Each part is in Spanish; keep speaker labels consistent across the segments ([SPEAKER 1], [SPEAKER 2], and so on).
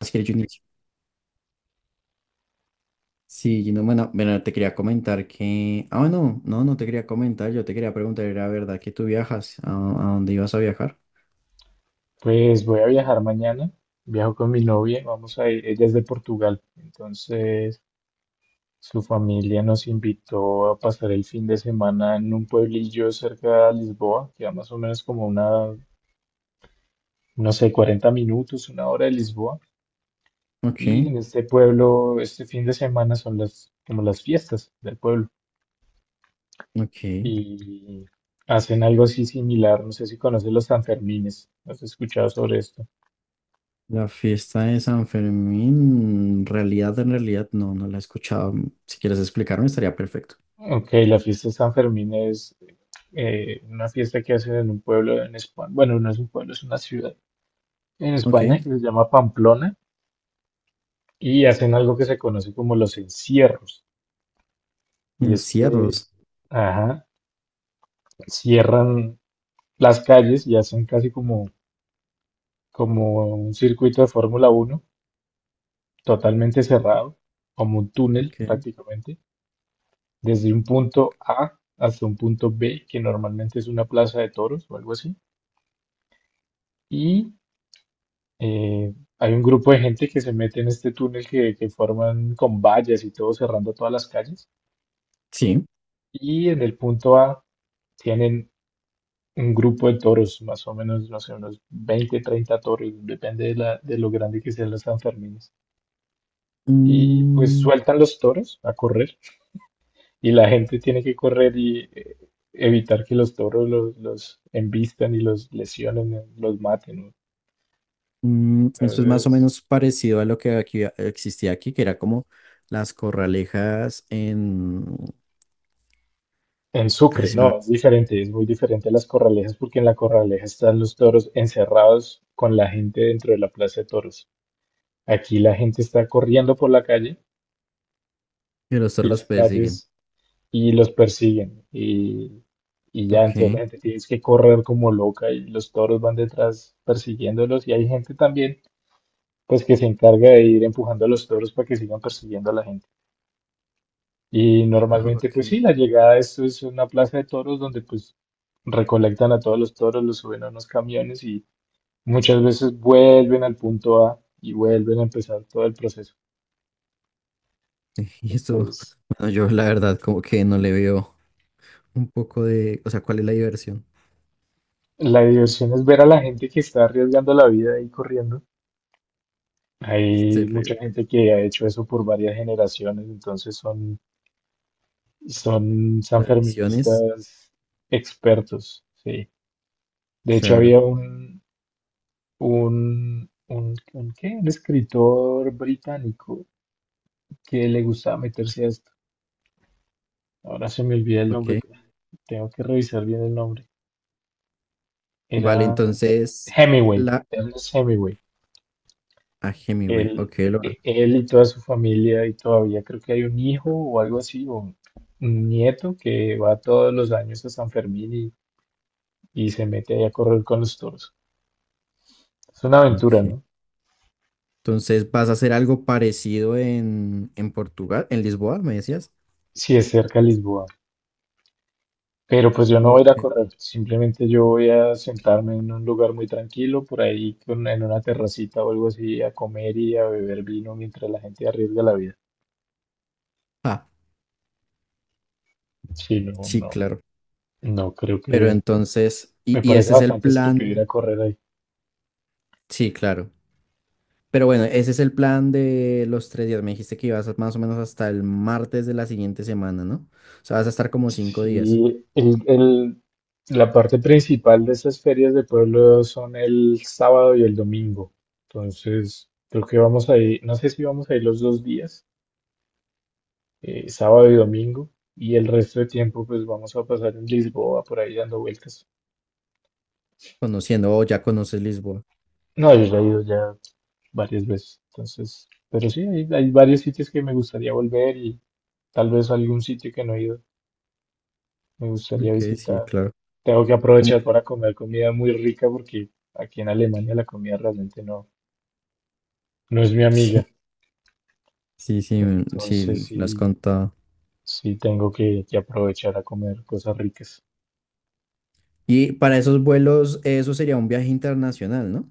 [SPEAKER 1] Así es, Junior. Sí, Gino, bueno, bueno, te quería comentar que. Ah, bueno, no, no te quería comentar, yo te quería preguntar, ¿era verdad que tú viajas? ¿A dónde ibas a viajar?
[SPEAKER 2] Pues voy a viajar mañana, viajo con mi novia, vamos a ir, ella es de Portugal, entonces su familia nos invitó a pasar el fin de semana en un pueblillo cerca de Lisboa, que a más o menos como una, no sé, 40 minutos, una hora de Lisboa, y
[SPEAKER 1] Ok,
[SPEAKER 2] en este pueblo, este fin de semana son las, como las fiestas del pueblo,
[SPEAKER 1] ok.
[SPEAKER 2] y hacen algo así similar, no sé si conoces los Sanfermines, ¿has escuchado sobre esto?
[SPEAKER 1] La fiesta de San Fermín, en realidad, no, no la he escuchado. Si quieres explicarme, estaría perfecto.
[SPEAKER 2] Ok, la fiesta de San Fermín es una fiesta que hacen en un pueblo en España, bueno, no es un pueblo, es una ciudad en
[SPEAKER 1] Ok,
[SPEAKER 2] España que se llama Pamplona y hacen algo que se conoce como los encierros. Y es que,
[SPEAKER 1] encierros.
[SPEAKER 2] ajá, cierran las calles y hacen casi como, como un circuito de Fórmula uno totalmente cerrado, como un túnel
[SPEAKER 1] Ok.
[SPEAKER 2] prácticamente, desde un punto A hasta un punto B, que normalmente es una plaza de toros o algo así. Y Eh, hay un grupo de gente que se mete en este túnel que forman con vallas y todo cerrando todas las calles.
[SPEAKER 1] Sí.
[SPEAKER 2] Y en el punto A tienen un grupo de toros, más o menos, no sé, unos 20, 30 toros, depende de, de lo grande que sean los Sanfermines. Y pues
[SPEAKER 1] Mm,
[SPEAKER 2] sueltan los toros a correr y la gente tiene que correr y evitar que los toros los embistan y los lesionen, los maten, ¿no?
[SPEAKER 1] Eso es más o
[SPEAKER 2] Entonces,
[SPEAKER 1] menos parecido a lo que aquí existía aquí, que era como las corralejas en.
[SPEAKER 2] en Sucre, no, es diferente, es muy diferente a las corralejas porque en la corraleja están los toros encerrados con la gente dentro de la plaza de toros. Aquí la gente está corriendo por la calle,
[SPEAKER 1] Y los toros
[SPEAKER 2] las
[SPEAKER 1] los persiguen.
[SPEAKER 2] calles, y los persiguen. Y ya, entonces la
[SPEAKER 1] Ok.
[SPEAKER 2] gente tiene que correr como loca y los toros van detrás persiguiéndolos. Y hay gente también, pues, que se encarga de ir empujando a los toros para que sigan persiguiendo a la gente. Y normalmente,
[SPEAKER 1] Ok.
[SPEAKER 2] pues sí, la llegada de esto es una plaza de toros donde pues recolectan a todos los toros, los suben a unos camiones y muchas veces vuelven al punto A y vuelven a empezar todo el proceso.
[SPEAKER 1] Y eso,
[SPEAKER 2] Entonces,
[SPEAKER 1] bueno, yo la verdad como que no le veo un poco de, o sea, ¿cuál es la diversión?
[SPEAKER 2] la diversión es ver a la gente que está arriesgando la vida y corriendo.
[SPEAKER 1] Es
[SPEAKER 2] Hay mucha
[SPEAKER 1] terrible.
[SPEAKER 2] gente que ha hecho eso por varias generaciones, entonces son, son
[SPEAKER 1] Tradiciones.
[SPEAKER 2] sanferministas expertos, sí. De hecho,
[SPEAKER 1] Claro.
[SPEAKER 2] había un ¿qué? Un escritor británico que le gustaba meterse a esto. Ahora se me olvida el nombre,
[SPEAKER 1] Ok.
[SPEAKER 2] tengo que revisar bien el nombre.
[SPEAKER 1] Vale,
[SPEAKER 2] Era
[SPEAKER 1] entonces
[SPEAKER 2] Hemingway,
[SPEAKER 1] la.
[SPEAKER 2] Ernest Hemingway.
[SPEAKER 1] Ah, Hemingway.
[SPEAKER 2] Él,
[SPEAKER 1] Ok, lo.
[SPEAKER 2] él y toda su familia, y todavía creo que hay un hijo o algo así, o un nieto que va todos los años a San Fermín y se mete ahí a correr con los toros. Es una aventura,
[SPEAKER 1] Ok.
[SPEAKER 2] ¿no?
[SPEAKER 1] Entonces, ¿vas a hacer algo parecido en Portugal, en Lisboa, me decías?
[SPEAKER 2] Sí, es cerca de Lisboa. Pero pues yo no voy a ir a
[SPEAKER 1] Ok.
[SPEAKER 2] correr, simplemente yo voy a sentarme en un lugar muy tranquilo, por ahí en una terracita o algo así, a comer y a beber vino mientras la gente arriesga la vida.
[SPEAKER 1] Ah,
[SPEAKER 2] Sí, no,
[SPEAKER 1] sí,
[SPEAKER 2] no,
[SPEAKER 1] claro.
[SPEAKER 2] no creo
[SPEAKER 1] Pero
[SPEAKER 2] que
[SPEAKER 1] entonces,
[SPEAKER 2] me
[SPEAKER 1] y
[SPEAKER 2] parece
[SPEAKER 1] ese es el
[SPEAKER 2] bastante estúpido ir
[SPEAKER 1] plan.
[SPEAKER 2] a correr ahí.
[SPEAKER 1] Sí, claro. Pero bueno, ese es el plan de los 3 días. Me dijiste que ibas más o menos hasta el martes de la siguiente semana, ¿no? O sea, vas a estar como 5 días
[SPEAKER 2] Sí, la parte principal de esas ferias de pueblo son el sábado y el domingo. Entonces, creo que vamos a ir, no sé si vamos a ir los dos días. Sábado y domingo, y el resto de tiempo pues vamos a pasar en Lisboa por ahí dando vueltas.
[SPEAKER 1] conociendo, o ya conoces Lisboa.
[SPEAKER 2] No, yo ya he ido ya varias veces, entonces, pero sí, hay varios sitios que me gustaría volver y tal vez algún sitio que no he ido, me gustaría
[SPEAKER 1] Ok, sí,
[SPEAKER 2] visitar.
[SPEAKER 1] claro.
[SPEAKER 2] Tengo que
[SPEAKER 1] Como,
[SPEAKER 2] aprovechar para comer comida muy rica porque aquí en Alemania la comida realmente no, no es mi amiga,
[SPEAKER 1] sí, sí, sí,
[SPEAKER 2] entonces
[SPEAKER 1] sí, lo has
[SPEAKER 2] sí,
[SPEAKER 1] contado.
[SPEAKER 2] sí tengo que aprovechar a comer cosas ricas.
[SPEAKER 1] Y para esos vuelos, eso sería un viaje internacional, ¿no?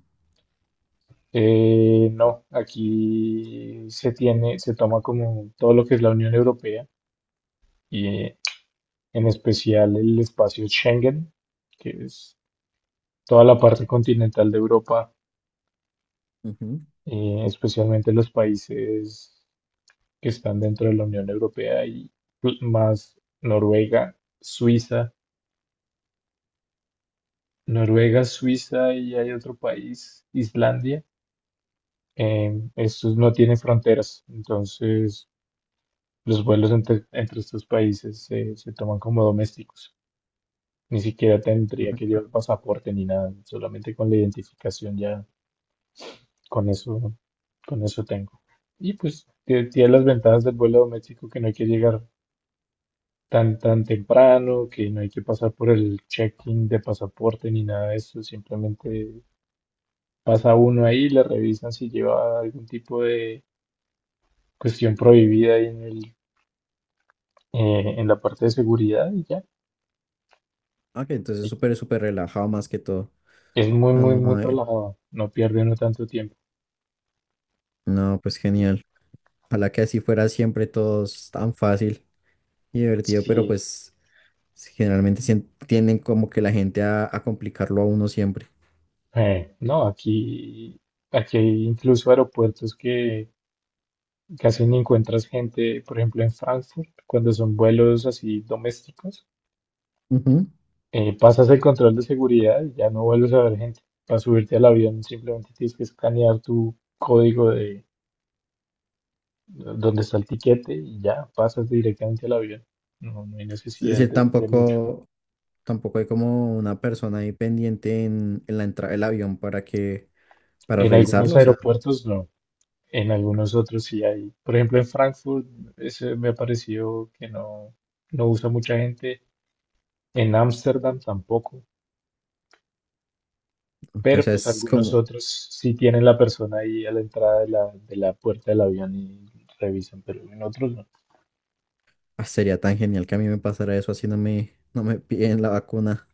[SPEAKER 2] No, aquí se tiene, se toma como todo lo que es la Unión Europea y en especial el espacio Schengen, que es toda la parte continental de Europa,
[SPEAKER 1] Ujú.
[SPEAKER 2] especialmente los países que están dentro de la Unión Europea y más Noruega, Suiza, Noruega, Suiza y hay otro país, Islandia. Estos no tienen fronteras, entonces los vuelos entre, entre estos países se, se toman como domésticos. Ni siquiera tendría que
[SPEAKER 1] Ok.
[SPEAKER 2] llevar pasaporte ni nada, solamente con la identificación ya, con eso, con eso tengo. Y pues tiene las ventajas del vuelo doméstico que no hay que llegar tan, tan temprano, que no hay que pasar por el check-in de pasaporte ni nada de eso, simplemente pasa uno ahí, le revisan si lleva algún tipo de cuestión prohibida ahí en el, en la parte de seguridad y ya.
[SPEAKER 1] Ah, que entonces súper, súper relajado más que todo.
[SPEAKER 2] Es muy,
[SPEAKER 1] Ah,
[SPEAKER 2] muy, muy
[SPEAKER 1] no,
[SPEAKER 2] relajado. No pierde uno tanto tiempo.
[SPEAKER 1] no, pues genial. Ojalá que así fuera siempre todos tan fácil y divertido, pero
[SPEAKER 2] Sí,
[SPEAKER 1] pues sí, generalmente tienden como que la gente a complicarlo a uno siempre.
[SPEAKER 2] No, aquí hay incluso aeropuertos que casi ni encuentras gente, por ejemplo, en Frankfurt, cuando son vuelos así domésticos,
[SPEAKER 1] Ujú.
[SPEAKER 2] pasas el control de seguridad y ya no vuelves a ver gente. Para subirte al avión simplemente tienes que escanear tu código de donde está el tiquete y ya pasas directamente al avión. No, no hay
[SPEAKER 1] Es
[SPEAKER 2] necesidad
[SPEAKER 1] decir,
[SPEAKER 2] de mucho.
[SPEAKER 1] tampoco hay como una persona ahí pendiente en la entrada del avión para
[SPEAKER 2] En algunos
[SPEAKER 1] revisarlo. O sea,
[SPEAKER 2] aeropuertos no. En algunos otros sí hay. Por ejemplo, en Frankfurt ese me ha parecido que no, no usa mucha gente. En Ámsterdam tampoco.
[SPEAKER 1] o
[SPEAKER 2] Pero
[SPEAKER 1] sea,
[SPEAKER 2] pues
[SPEAKER 1] es
[SPEAKER 2] algunos
[SPEAKER 1] como,
[SPEAKER 2] otros sí tienen la persona ahí a la entrada de la puerta del avión y revisan, pero en otros no.
[SPEAKER 1] ah, sería tan genial que a mí me pasara eso así no me piden la vacuna,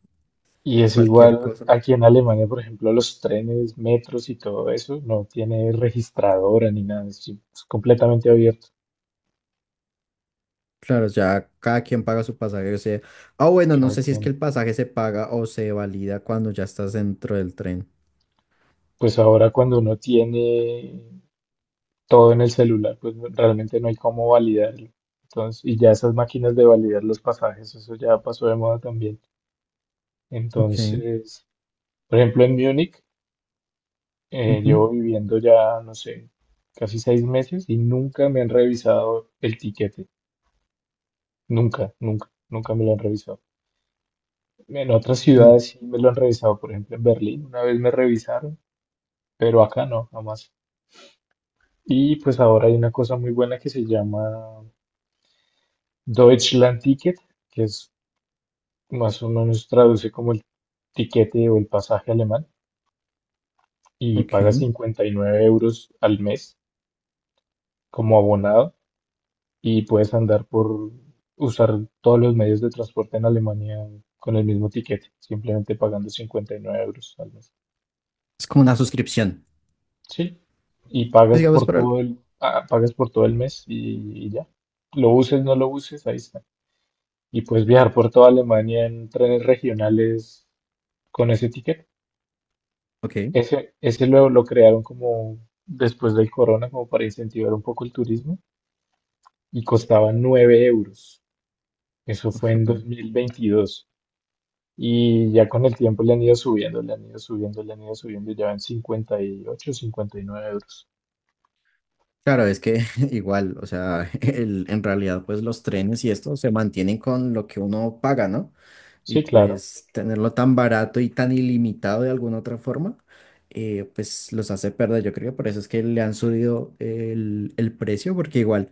[SPEAKER 2] Y es
[SPEAKER 1] cualquier
[SPEAKER 2] igual
[SPEAKER 1] cosa.
[SPEAKER 2] aquí en Alemania, por ejemplo, los trenes, metros y todo eso no tiene registradora ni nada, es completamente abierto.
[SPEAKER 1] Claro, ya cada quien paga su pasaje, o sea, ah, bueno, no
[SPEAKER 2] Creo
[SPEAKER 1] sé si
[SPEAKER 2] que
[SPEAKER 1] es que el pasaje se paga o se valida cuando ya estás dentro del tren.
[SPEAKER 2] pues ahora cuando uno tiene todo en el celular, pues realmente no hay cómo validarlo. Entonces, y ya esas máquinas de validar los pasajes, eso ya pasó de moda también.
[SPEAKER 1] Ok,
[SPEAKER 2] Entonces, por ejemplo, en Múnich,
[SPEAKER 1] ujú,
[SPEAKER 2] llevo viviendo ya, no sé, casi 6 meses y nunca me han revisado el tiquete. Nunca, nunca, nunca me lo han revisado. En otras
[SPEAKER 1] ah,
[SPEAKER 2] ciudades sí me lo han revisado, por ejemplo, en Berlín una vez me revisaron, pero acá no, jamás. Y pues ahora hay una cosa muy buena que se llama Deutschland Ticket, que es más o menos traduce como el tiquete o el pasaje alemán, y pagas
[SPEAKER 1] ok.
[SPEAKER 2] 59 euros al mes como abonado y puedes andar por usar todos los medios de transporte en Alemania con el mismo tiquete, simplemente pagando 59 euros al mes.
[SPEAKER 1] Es como una suscripción.
[SPEAKER 2] Sí, y
[SPEAKER 1] Pues
[SPEAKER 2] pagas
[SPEAKER 1] digamos
[SPEAKER 2] por
[SPEAKER 1] para.
[SPEAKER 2] todo el, ah, pagas por todo el mes y ya. Lo uses, no lo uses, ahí está. Y puedes viajar por toda Alemania en trenes regionales con ese tiquete.
[SPEAKER 1] Ok.
[SPEAKER 2] Ese lo crearon como después del corona, como para incentivar un poco el turismo, y costaba 9 euros. Eso fue en dos
[SPEAKER 1] Bueno.
[SPEAKER 2] mil veintidós Y ya con el tiempo le han ido subiendo, le han ido subiendo, le han ido subiendo, ya van 50 58, 59 euros.
[SPEAKER 1] Claro, es que igual, o sea, en realidad pues los trenes y esto se mantienen con lo que uno paga, ¿no? Y
[SPEAKER 2] Sí, claro,
[SPEAKER 1] pues tenerlo tan barato y tan ilimitado de alguna otra forma, pues los hace perder, yo creo, por eso es que le han subido el precio, porque igual,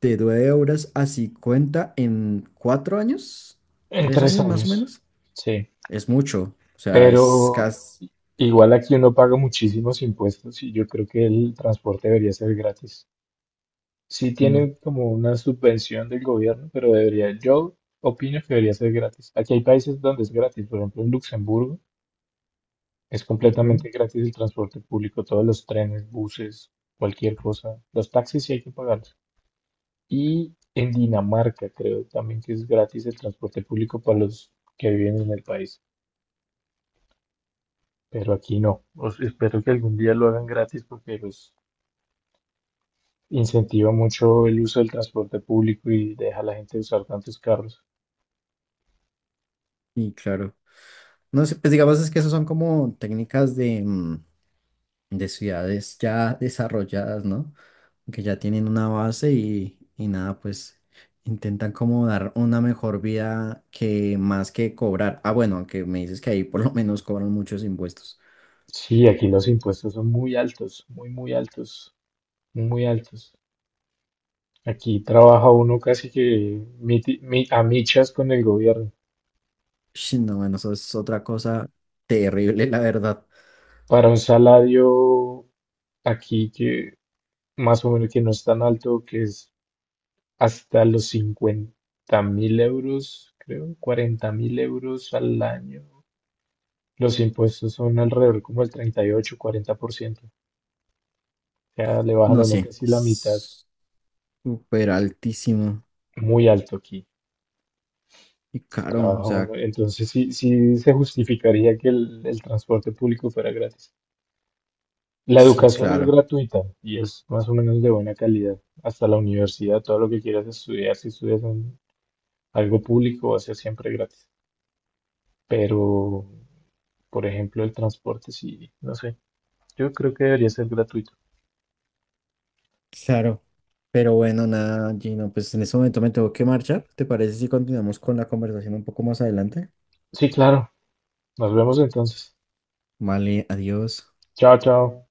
[SPEAKER 1] de 9 € a 50 en 4 años,
[SPEAKER 2] en
[SPEAKER 1] 3
[SPEAKER 2] tres
[SPEAKER 1] años más o
[SPEAKER 2] años.
[SPEAKER 1] menos,
[SPEAKER 2] Sí,
[SPEAKER 1] es mucho. O sea, es
[SPEAKER 2] pero
[SPEAKER 1] casi.
[SPEAKER 2] igual aquí uno paga muchísimos impuestos y yo creo que el transporte debería ser gratis. Sí
[SPEAKER 1] Mm,
[SPEAKER 2] tienen como una subvención del gobierno, pero debería, yo opino que debería ser gratis. Aquí hay países donde es gratis, por ejemplo en Luxemburgo es
[SPEAKER 1] ujú.
[SPEAKER 2] completamente gratis el transporte público, todos los trenes, buses, cualquier cosa. Los taxis sí hay que pagarlos. Y en Dinamarca creo también que es gratis el transporte público para los que viven en el país, pero aquí no. Espero que algún día lo hagan gratis porque los incentiva mucho el uso del transporte público y deja a la gente usar tantos carros.
[SPEAKER 1] Y claro, no sé, pues digamos es que esas son como técnicas de ciudades ya desarrolladas, ¿no? Que ya tienen una base y nada, pues intentan como dar una mejor vida que más que cobrar. Ah, bueno, aunque me dices que ahí por lo menos cobran muchos impuestos.
[SPEAKER 2] Sí, aquí los impuestos son muy altos, muy altos. Aquí trabaja uno casi que a michas con el gobierno.
[SPEAKER 1] Ush, no, bueno, eso es otra cosa terrible, la verdad.
[SPEAKER 2] Para un salario aquí que más o menos que no es tan alto, que es hasta los 50.000 euros, creo, 40.000 euros al año. Los impuestos son alrededor como el 38, 40%. O sea, le bajan a
[SPEAKER 1] No,
[SPEAKER 2] uno
[SPEAKER 1] sí.
[SPEAKER 2] casi la mitad.
[SPEAKER 1] Súper altísimo
[SPEAKER 2] Muy alto aquí.
[SPEAKER 1] y caro. O
[SPEAKER 2] Trabajo,
[SPEAKER 1] sea,
[SPEAKER 2] ¿no? Entonces sí, sí se justificaría que el transporte público fuera gratis. La
[SPEAKER 1] sí,
[SPEAKER 2] educación es
[SPEAKER 1] claro.
[SPEAKER 2] gratuita y es más o menos de buena calidad. Hasta la universidad, todo lo que quieras estudiar, si estudias en algo público, va a ser siempre gratis. Pero, por ejemplo, el transporte, sí, no sé. Yo creo que debería ser gratuito.
[SPEAKER 1] Claro. Pero bueno, nada, Gino, pues en este momento me tengo que marchar. ¿Te parece si continuamos con la conversación un poco más adelante?
[SPEAKER 2] Sí, claro. Nos vemos entonces.
[SPEAKER 1] Vale, adiós.
[SPEAKER 2] Chao, chao.